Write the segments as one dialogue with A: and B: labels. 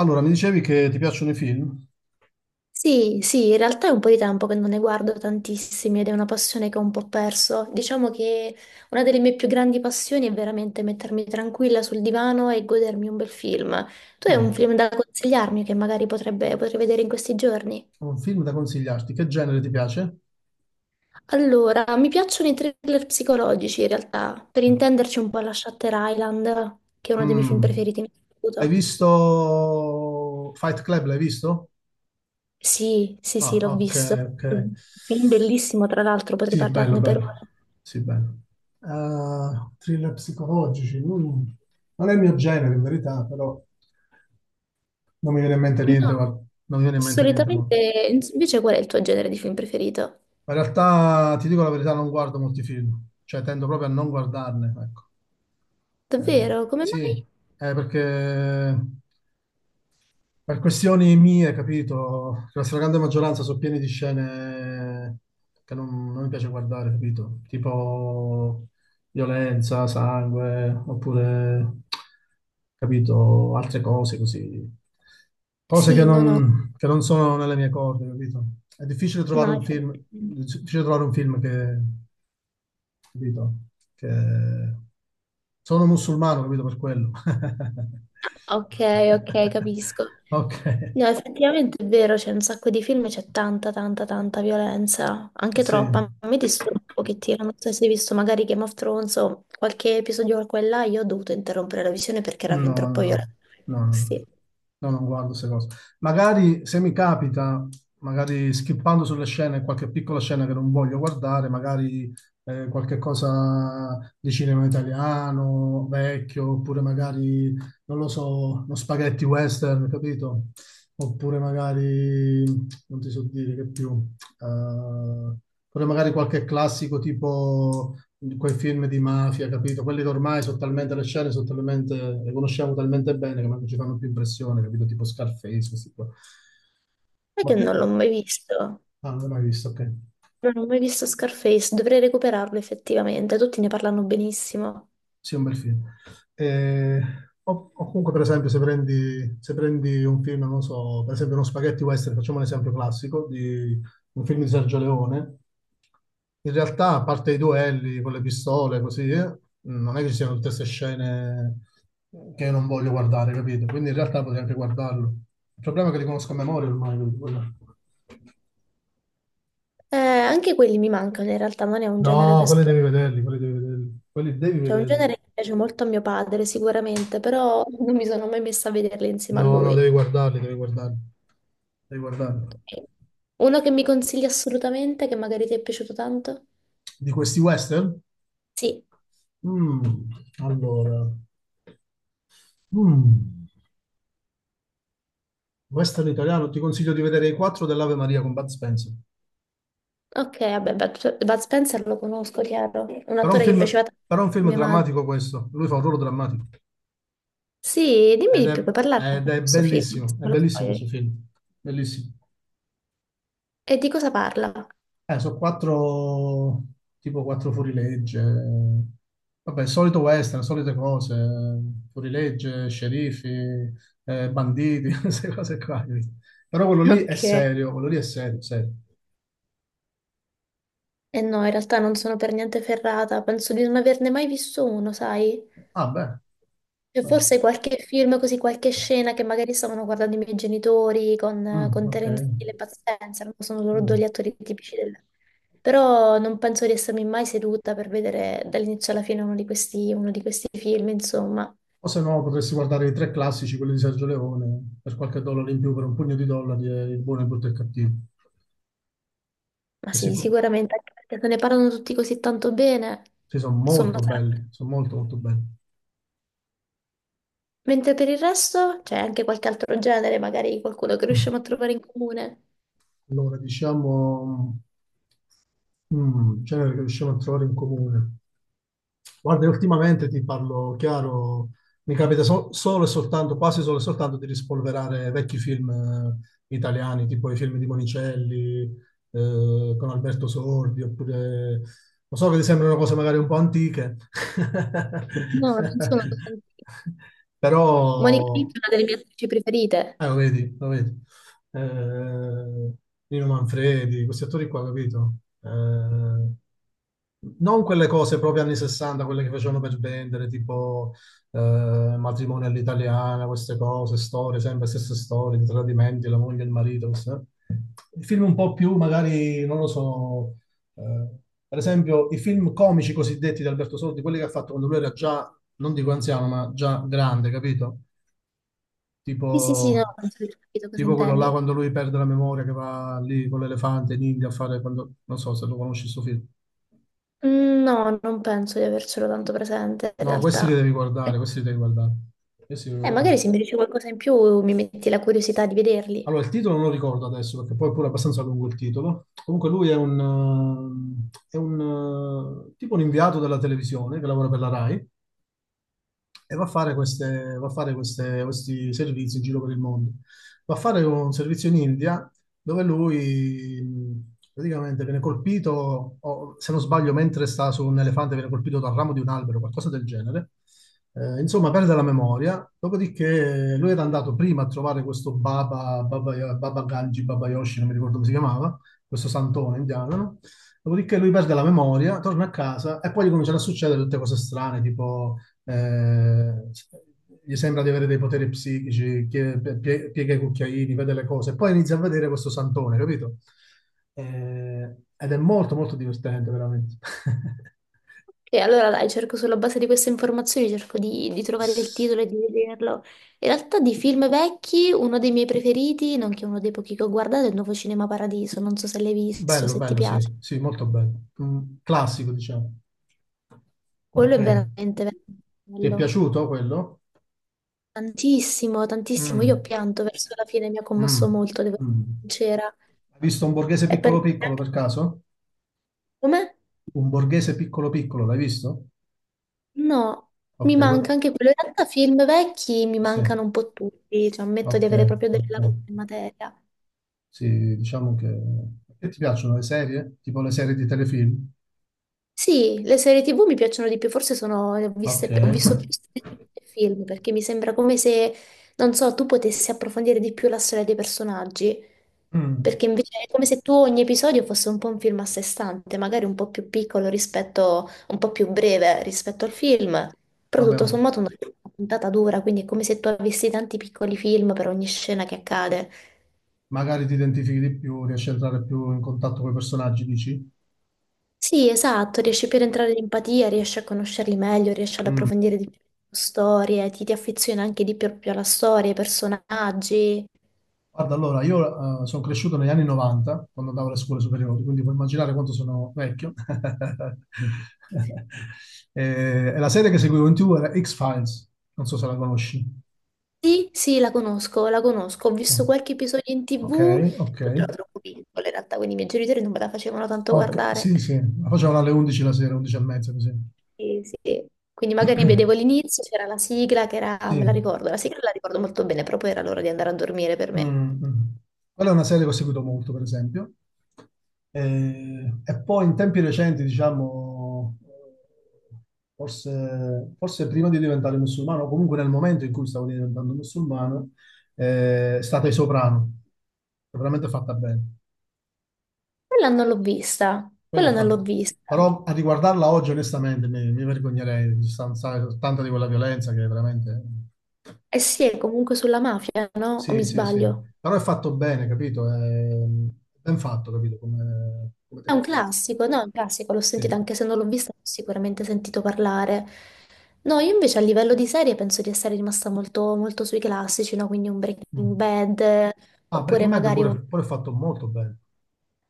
A: Allora, mi dicevi che ti piacciono i film?
B: Sì, sì, in realtà è un po' di tempo che non ne guardo tantissimi ed è una passione che ho un po' perso. Diciamo che una delle mie più grandi passioni è veramente mettermi tranquilla sul divano e godermi un bel film. Tu hai un
A: Mm.
B: film da consigliarmi che magari potrei vedere in questi giorni?
A: Ho un film da consigliarti. Che genere ti piace?
B: Allora, mi piacciono i thriller psicologici in realtà. Per intenderci un po' la Shutter Island, che è uno dei miei film
A: Mm.
B: preferiti in
A: Hai
B: assoluto.
A: visto Fight Club? L'hai visto?
B: Sì, sì,
A: Ah,
B: sì, l'ho
A: ok,
B: visto.
A: ok.
B: Un Film bellissimo, tra l'altro, potrei
A: Sì, bello,
B: parlarne per
A: bello.
B: ore.
A: Sì, bello. Thriller psicologici. Mm. Non è il mio genere, in verità, però non mi viene in mente
B: No.
A: niente, guarda. Non mi viene in mente niente molto.
B: Solitamente, invece, qual è il tuo genere di film preferito?
A: Ma in realtà, ti dico la verità, non guardo molti film. Cioè, tendo proprio a non guardarne, ecco. Eh,
B: Davvero? Come
A: sì,
B: mai?
A: perché per questioni mie, capito, che la stragrande maggioranza sono piene di scene che non, non mi piace guardare, capito? Tipo violenza, sangue, oppure, capito, altre cose così. Cose
B: Sì, no, no,
A: che non sono nelle mie corde, capito? È difficile trovare
B: no.
A: un film, è difficile trovare un film che, capito? Che sono musulmano, capito per quello.
B: Ah, ok, ok, capisco.
A: Ok,
B: No, effettivamente è vero, c'è un sacco di film, e c'è tanta, tanta, tanta violenza, anche
A: sì.
B: troppa. A me disturba un pochettino, non so se hai visto magari Game of Thrones o qualche episodio qua e là, io ho dovuto interrompere la visione perché era fin
A: No, no,
B: troppo
A: no,
B: violento.
A: no, no,
B: Sì,
A: no, no, non guardo queste cose. Magari se mi capita, magari skippando sulle scene, qualche piccola scena che non voglio guardare, magari qualche cosa di cinema italiano, vecchio, oppure magari, non lo so, uno spaghetti western, capito? Oppure magari, non ti so dire che più. Eh, Pure magari qualche classico tipo quei film di mafia, capito? Quelli che ormai sono talmente le scene, sono talmente, le conosciamo talmente bene che non ci fanno più impressione, capito? Tipo Scarface, questi qua.
B: è che non l'ho
A: Ah,
B: mai visto,
A: non l'ho mai visto, ok.
B: non ho mai visto Scarface, dovrei recuperarlo effettivamente, tutti ne parlano benissimo.
A: Sì, è un bel film. Eh, o, comunque, per esempio, se prendi un film, non so, per esempio uno spaghetti western, facciamo un esempio classico di un film di Sergio Leone, in realtà, a parte i duelli con le pistole, così, non è che ci siano tutte queste scene che io non voglio guardare, capito? Quindi in realtà potrei anche guardarlo. Il problema è che li conosco a memoria ormai, quindi
B: Anche quelli mi mancano in realtà, non è un genere che
A: no, quelli
B: esploro.
A: devi vederli, quelli devi vederli. Quelli devi
B: Cioè, è un
A: vederli.
B: genere che piace molto a mio padre, sicuramente, però non mi sono mai messa a vederli insieme a
A: No, no, devi
B: lui.
A: guardarli, devi guardarli. Devi guardarli.
B: Ok. Uno che mi consigli assolutamente, che magari ti è piaciuto tanto?
A: Di questi western?
B: Sì,
A: Mm, allora, mm, western italiano, ti consiglio di vedere i quattro dell'Ave Maria con Bud Spencer.
B: ok, vabbè, Bud Spencer lo conosco, chiaro. Un
A: Però è un
B: attore che
A: film,
B: piaceva tanto
A: però è un
B: a
A: film
B: mia madre.
A: drammatico questo, lui fa un ruolo drammatico
B: Sì, dimmi di più, puoi parlarne
A: ed
B: di questo film, anche se
A: è
B: me lo
A: bellissimo questo
B: spoileri.
A: film, bellissimo.
B: E di cosa parla?
A: Sono quattro, tipo quattro fuorilegge, vabbè, solito western, solite cose, fuorilegge, sceriffi, banditi, queste cose qua. Però quello lì è
B: Ok.
A: serio, quello lì è serio, serio.
B: E no, in realtà non sono per niente ferrata, penso di non averne mai visto uno, sai?
A: Ah, beh.
B: E
A: Beh.
B: forse qualche film, così qualche scena che magari stavano guardando i miei genitori con,
A: Mm, ok.
B: Terence Hill e Bud Spencer, no? Sono loro due
A: Mm.
B: gli attori tipici del... Però non penso di essermi mai seduta per vedere dall'inizio alla fine uno di questi film, insomma.
A: O se no potresti guardare i tre classici, quelli di Sergio Leone, per qualche dollaro in più, per un pugno di dollari, e il buono, il brutto e il cattivo.
B: Ma
A: Questi
B: sì,
A: co-
B: sicuramente, anche perché se ne parlano tutti così tanto bene,
A: sì, sono
B: insomma,
A: molto
B: sarà...
A: belli, sono molto molto belli.
B: Mentre per il resto c'è anche qualche altro genere, magari qualcuno che riusciamo a trovare in comune.
A: Allora, diciamo, mm, genere che riusciamo a trovare in comune. Guarda, io ultimamente ti parlo chiaro, mi capita solo e soltanto, quasi solo e soltanto di rispolverare vecchi film italiani, tipo i film di Monicelli, con Alberto Sordi, oppure, lo so che ti sembrano cose magari un po' antiche,
B: No, non sono così. Monica
A: però
B: Vitti è una delle mie attrici preferite.
A: lo vedi, lo vedi. Eh, Nino Manfredi, questi attori qua, capito? Eh, Non quelle cose proprio anni 60, quelle che facevano per vendere, tipo eh, matrimonio all'italiana, queste cose, storie, sempre stesse storie, di tradimenti, la moglie e il marito. I film un po' più, magari, non lo so, eh, per esempio i film comici cosiddetti di Alberto Sordi, quelli che ha fatto quando lui era già, non dico anziano, ma già grande, capito?
B: Sì, sì, sì, no,
A: tipo,
B: penso di aver capito cosa
A: tipo quello là
B: intendi.
A: quando lui perde la memoria che va lì con l'elefante in India a fare quando, non so se lo conosci sto film.
B: Mm, no, non penso di avercelo tanto presente in
A: No, questi li
B: realtà.
A: devi guardare,
B: Eh,
A: questi li devi guardare. Questi li devi
B: magari
A: guardare.
B: se mi dici qualcosa in più mi metti la curiosità di vederli.
A: Allora, il titolo non lo ricordo adesso perché poi è pure abbastanza lungo il titolo. Comunque lui è è un tipo un inviato della televisione che lavora per la RAI e va a fare, va a fare questi servizi in giro per il mondo. Va a fare un servizio in India dove lui praticamente viene colpito, o, se non sbaglio, mentre sta su un elefante, viene colpito dal ramo di un albero, qualcosa del genere. Insomma, perde la memoria. Dopodiché lui era andato prima a trovare questo Baba Ganji, Baba Yoshi, non mi ricordo come si chiamava, questo santone indiano, no? Dopodiché lui perde la memoria, torna a casa e poi gli cominciano a succedere tutte cose strane, tipo eh, gli sembra di avere dei poteri psichici, che piega i cucchiaini, vede le cose, poi inizia a vedere questo santone, capito? Ed è molto molto divertente, veramente.
B: E allora dai, cerco sulla base di queste informazioni, cerco di trovare il titolo e di vederlo. In realtà di film vecchi, uno dei miei preferiti, nonché uno dei pochi che ho guardato, è il nuovo Cinema Paradiso. Non so se l'hai visto,
A: Bello,
B: se ti
A: bello,
B: piace.
A: sì, sì, molto bello. Mm, classico, diciamo.
B: Quello
A: Ok.
B: è veramente, veramente
A: Ti è
B: bello.
A: piaciuto quello?
B: Tantissimo, tantissimo. Io ho
A: Mm,
B: pianto verso la fine, mi ha commosso
A: mm,
B: molto, devo essere
A: mm.
B: sincera.
A: Hai visto un borghese
B: E per...
A: piccolo piccolo per caso?
B: Come?
A: Un borghese piccolo piccolo, l'hai visto?
B: No,
A: Ok,
B: mi manca anche quello. In realtà film vecchi mi
A: sì,
B: mancano un po' tutti, cioè ammetto di
A: ok,
B: avere proprio delle
A: ok.
B: lacune in materia.
A: Sì, diciamo che... Che ti piacciono le serie? Tipo le serie di telefilm?
B: Sì, le serie TV mi piacciono di più, forse sono,
A: Ok.
B: ho visto più serie TV che film, perché mi sembra come se, non so, tu potessi approfondire di più la storia dei personaggi,
A: Mm.
B: perché invece è come se tu ogni episodio fosse un po' un film a sé stante, magari un po' più piccolo rispetto, un po' più breve rispetto al film, però
A: Va
B: tutto
A: bene.
B: sommato una puntata dura, quindi è come se tu avessi tanti piccoli film per ogni scena che accade.
A: Magari ti identifichi di più, riesci a entrare più in contatto con i personaggi, dici?
B: Sì, esatto, riesci più ad entrare in empatia, riesci a conoscerli meglio, riesci ad approfondire di più le storie, ti affezioni anche di più alla storia, ai personaggi.
A: Guarda, allora, io sono cresciuto negli anni 90, quando andavo alle scuole superiori, quindi puoi immaginare quanto sono vecchio. E, e la serie che seguivo in TV era X-Files, non so se la conosci.
B: Sì, sì, la conosco, la conosco. Ho
A: No.
B: visto qualche episodio in
A: Ok,
B: TV,
A: ok.
B: però ero troppo piccola in realtà, quindi i miei genitori non me la facevano tanto
A: Ok,
B: guardare.
A: sì, sì, la facevano alle 11 la sera, 11 e mezza, così.
B: Sì, sì. Quindi magari vedevo l'inizio, c'era la sigla che era, me
A: Sì.
B: la ricordo, la sigla la ricordo molto bene, però poi era l'ora di andare a dormire per
A: Mm,
B: me.
A: mm. Quella è una serie che ho seguito molto, per esempio. E poi in tempi recenti, diciamo, forse prima di diventare musulmano, o comunque nel momento in cui stavo diventando musulmano, è stata I Soprano. Che è veramente fatta bene.
B: Quella non l'ho vista,
A: Quella è
B: quella non l'ho
A: fatta.
B: vista.
A: Però a riguardarla oggi, onestamente, mi vergognerei, di tanta di quella violenza che veramente...
B: Eh sì, è comunque sulla mafia, no? O mi
A: Sì, sì, sì.
B: sbaglio?
A: Però è fatto bene, capito? È ben fatto, capito? Come, come
B: È un
A: telefilm.
B: classico, no? È un classico, l'ho
A: Sì.
B: sentito, anche se non l'ho vista, l'ho sicuramente sentito parlare. No, io invece a livello di serie penso di essere rimasta molto, molto sui classici, no? Quindi un Breaking
A: Mm.
B: Bad,
A: Ah,
B: oppure
A: Breaking Bad
B: magari un...
A: pure, pure è fatto molto bene.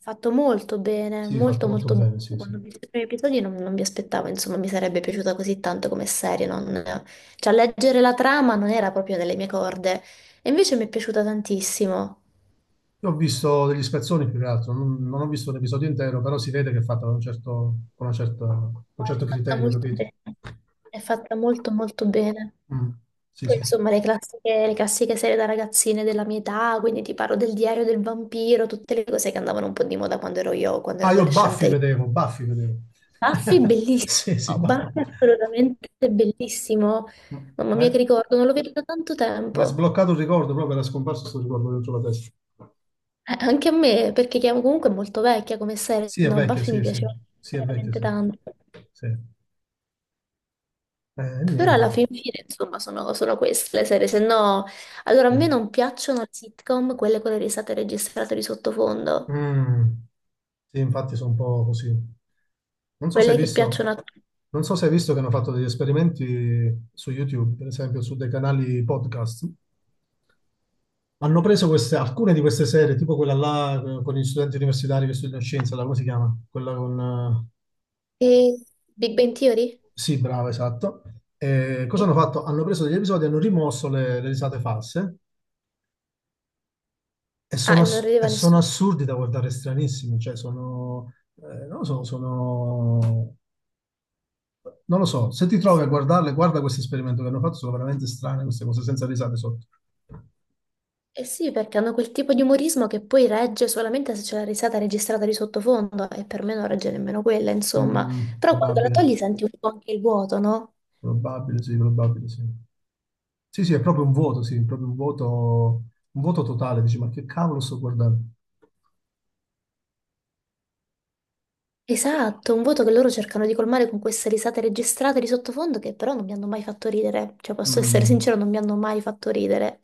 B: Fatto molto bene,
A: Sì, fatto
B: molto
A: molto
B: molto bene.
A: bene, sì,
B: Quando
A: sì.
B: ho visto i primi episodi non mi aspettavo, insomma, mi sarebbe piaciuta così tanto come serie, non... Cioè, leggere la trama non era proprio nelle mie corde, e invece mi è piaciuta tantissimo.
A: Io ho visto degli spezzoni più che altro, non ho visto l'episodio intero, però si vede che è fatto con un certo, con una con un certo
B: È fatta
A: criterio,
B: molto
A: capito?
B: bene, è fatta molto molto bene.
A: Mm. Sì,
B: Poi
A: sì.
B: insomma le classiche serie da ragazzine della mia età, quindi ti parlo del diario del vampiro, tutte le cose che andavano un po' di moda quando ero io, quando ero
A: Ah, io
B: adolescente.
A: Buffy
B: Io.
A: vedevo, Buffy vedevo.
B: Buffy bellissimo,
A: Sì, sì, Buffy.
B: Buffy assolutamente bellissimo.
A: Ma
B: Mamma
A: ma
B: mia che
A: è
B: ricordo, non lo vedo da tanto
A: ma è
B: tempo.
A: sbloccato un ricordo, proprio era scomparso questo ricordo dentro la testa.
B: Anche a me, perché chiamo comunque è molto vecchia come serie,
A: Sì, è
B: no,
A: vecchio,
B: Buffy mi
A: sì, sì.
B: piaceva
A: Sì, è vecchio,
B: veramente
A: sì.
B: tanto.
A: Sì. Sì.
B: Però
A: Niente.
B: alla fin fine, insomma, sono solo queste le serie, se no... Allora, a
A: Sì.
B: me non piacciono le sitcom, quelle con le risate registrate di sottofondo,
A: Mm. Sì, infatti sono un po' così. Non so se hai
B: quelle che
A: visto,
B: piacciono a tutti.
A: non so se hai visto che hanno fatto degli esperimenti su YouTube, per esempio su dei canali podcast. Hanno preso queste, alcune di queste serie, tipo quella là con gli studenti universitari che studiano scienza, come si chiama? Quella con...
B: Big Bang Theory?
A: sì, bravo, esatto. E cosa
B: Sì.
A: hanno fatto? Hanno preso degli episodi e hanno rimosso le risate false. E
B: Ah,
A: sono,
B: e non
A: e
B: rideva
A: sono
B: nessuno.
A: assurdi da guardare stranissimi, cioè sono, non lo so, sono, non lo so, se ti trovi a guardarle, guarda questo esperimento che hanno fatto, sono veramente strane queste cose, senza risate sotto.
B: Eh sì, perché hanno quel tipo di umorismo che poi regge solamente se c'è la risata registrata di sottofondo, e per me non regge nemmeno quella, insomma.
A: Mm,
B: Però quando la togli senti un po' anche il vuoto, no?
A: probabile, sì, probabile, sì. Sì, sì, è proprio un vuoto, sì, è proprio un vuoto totale, dici, ma che cavolo sto guardando?
B: Esatto, un voto che loro cercano di colmare con queste risate registrate di sottofondo che però non mi hanno mai fatto ridere. Cioè, posso essere
A: Mm.
B: sincero, non mi hanno mai fatto ridere.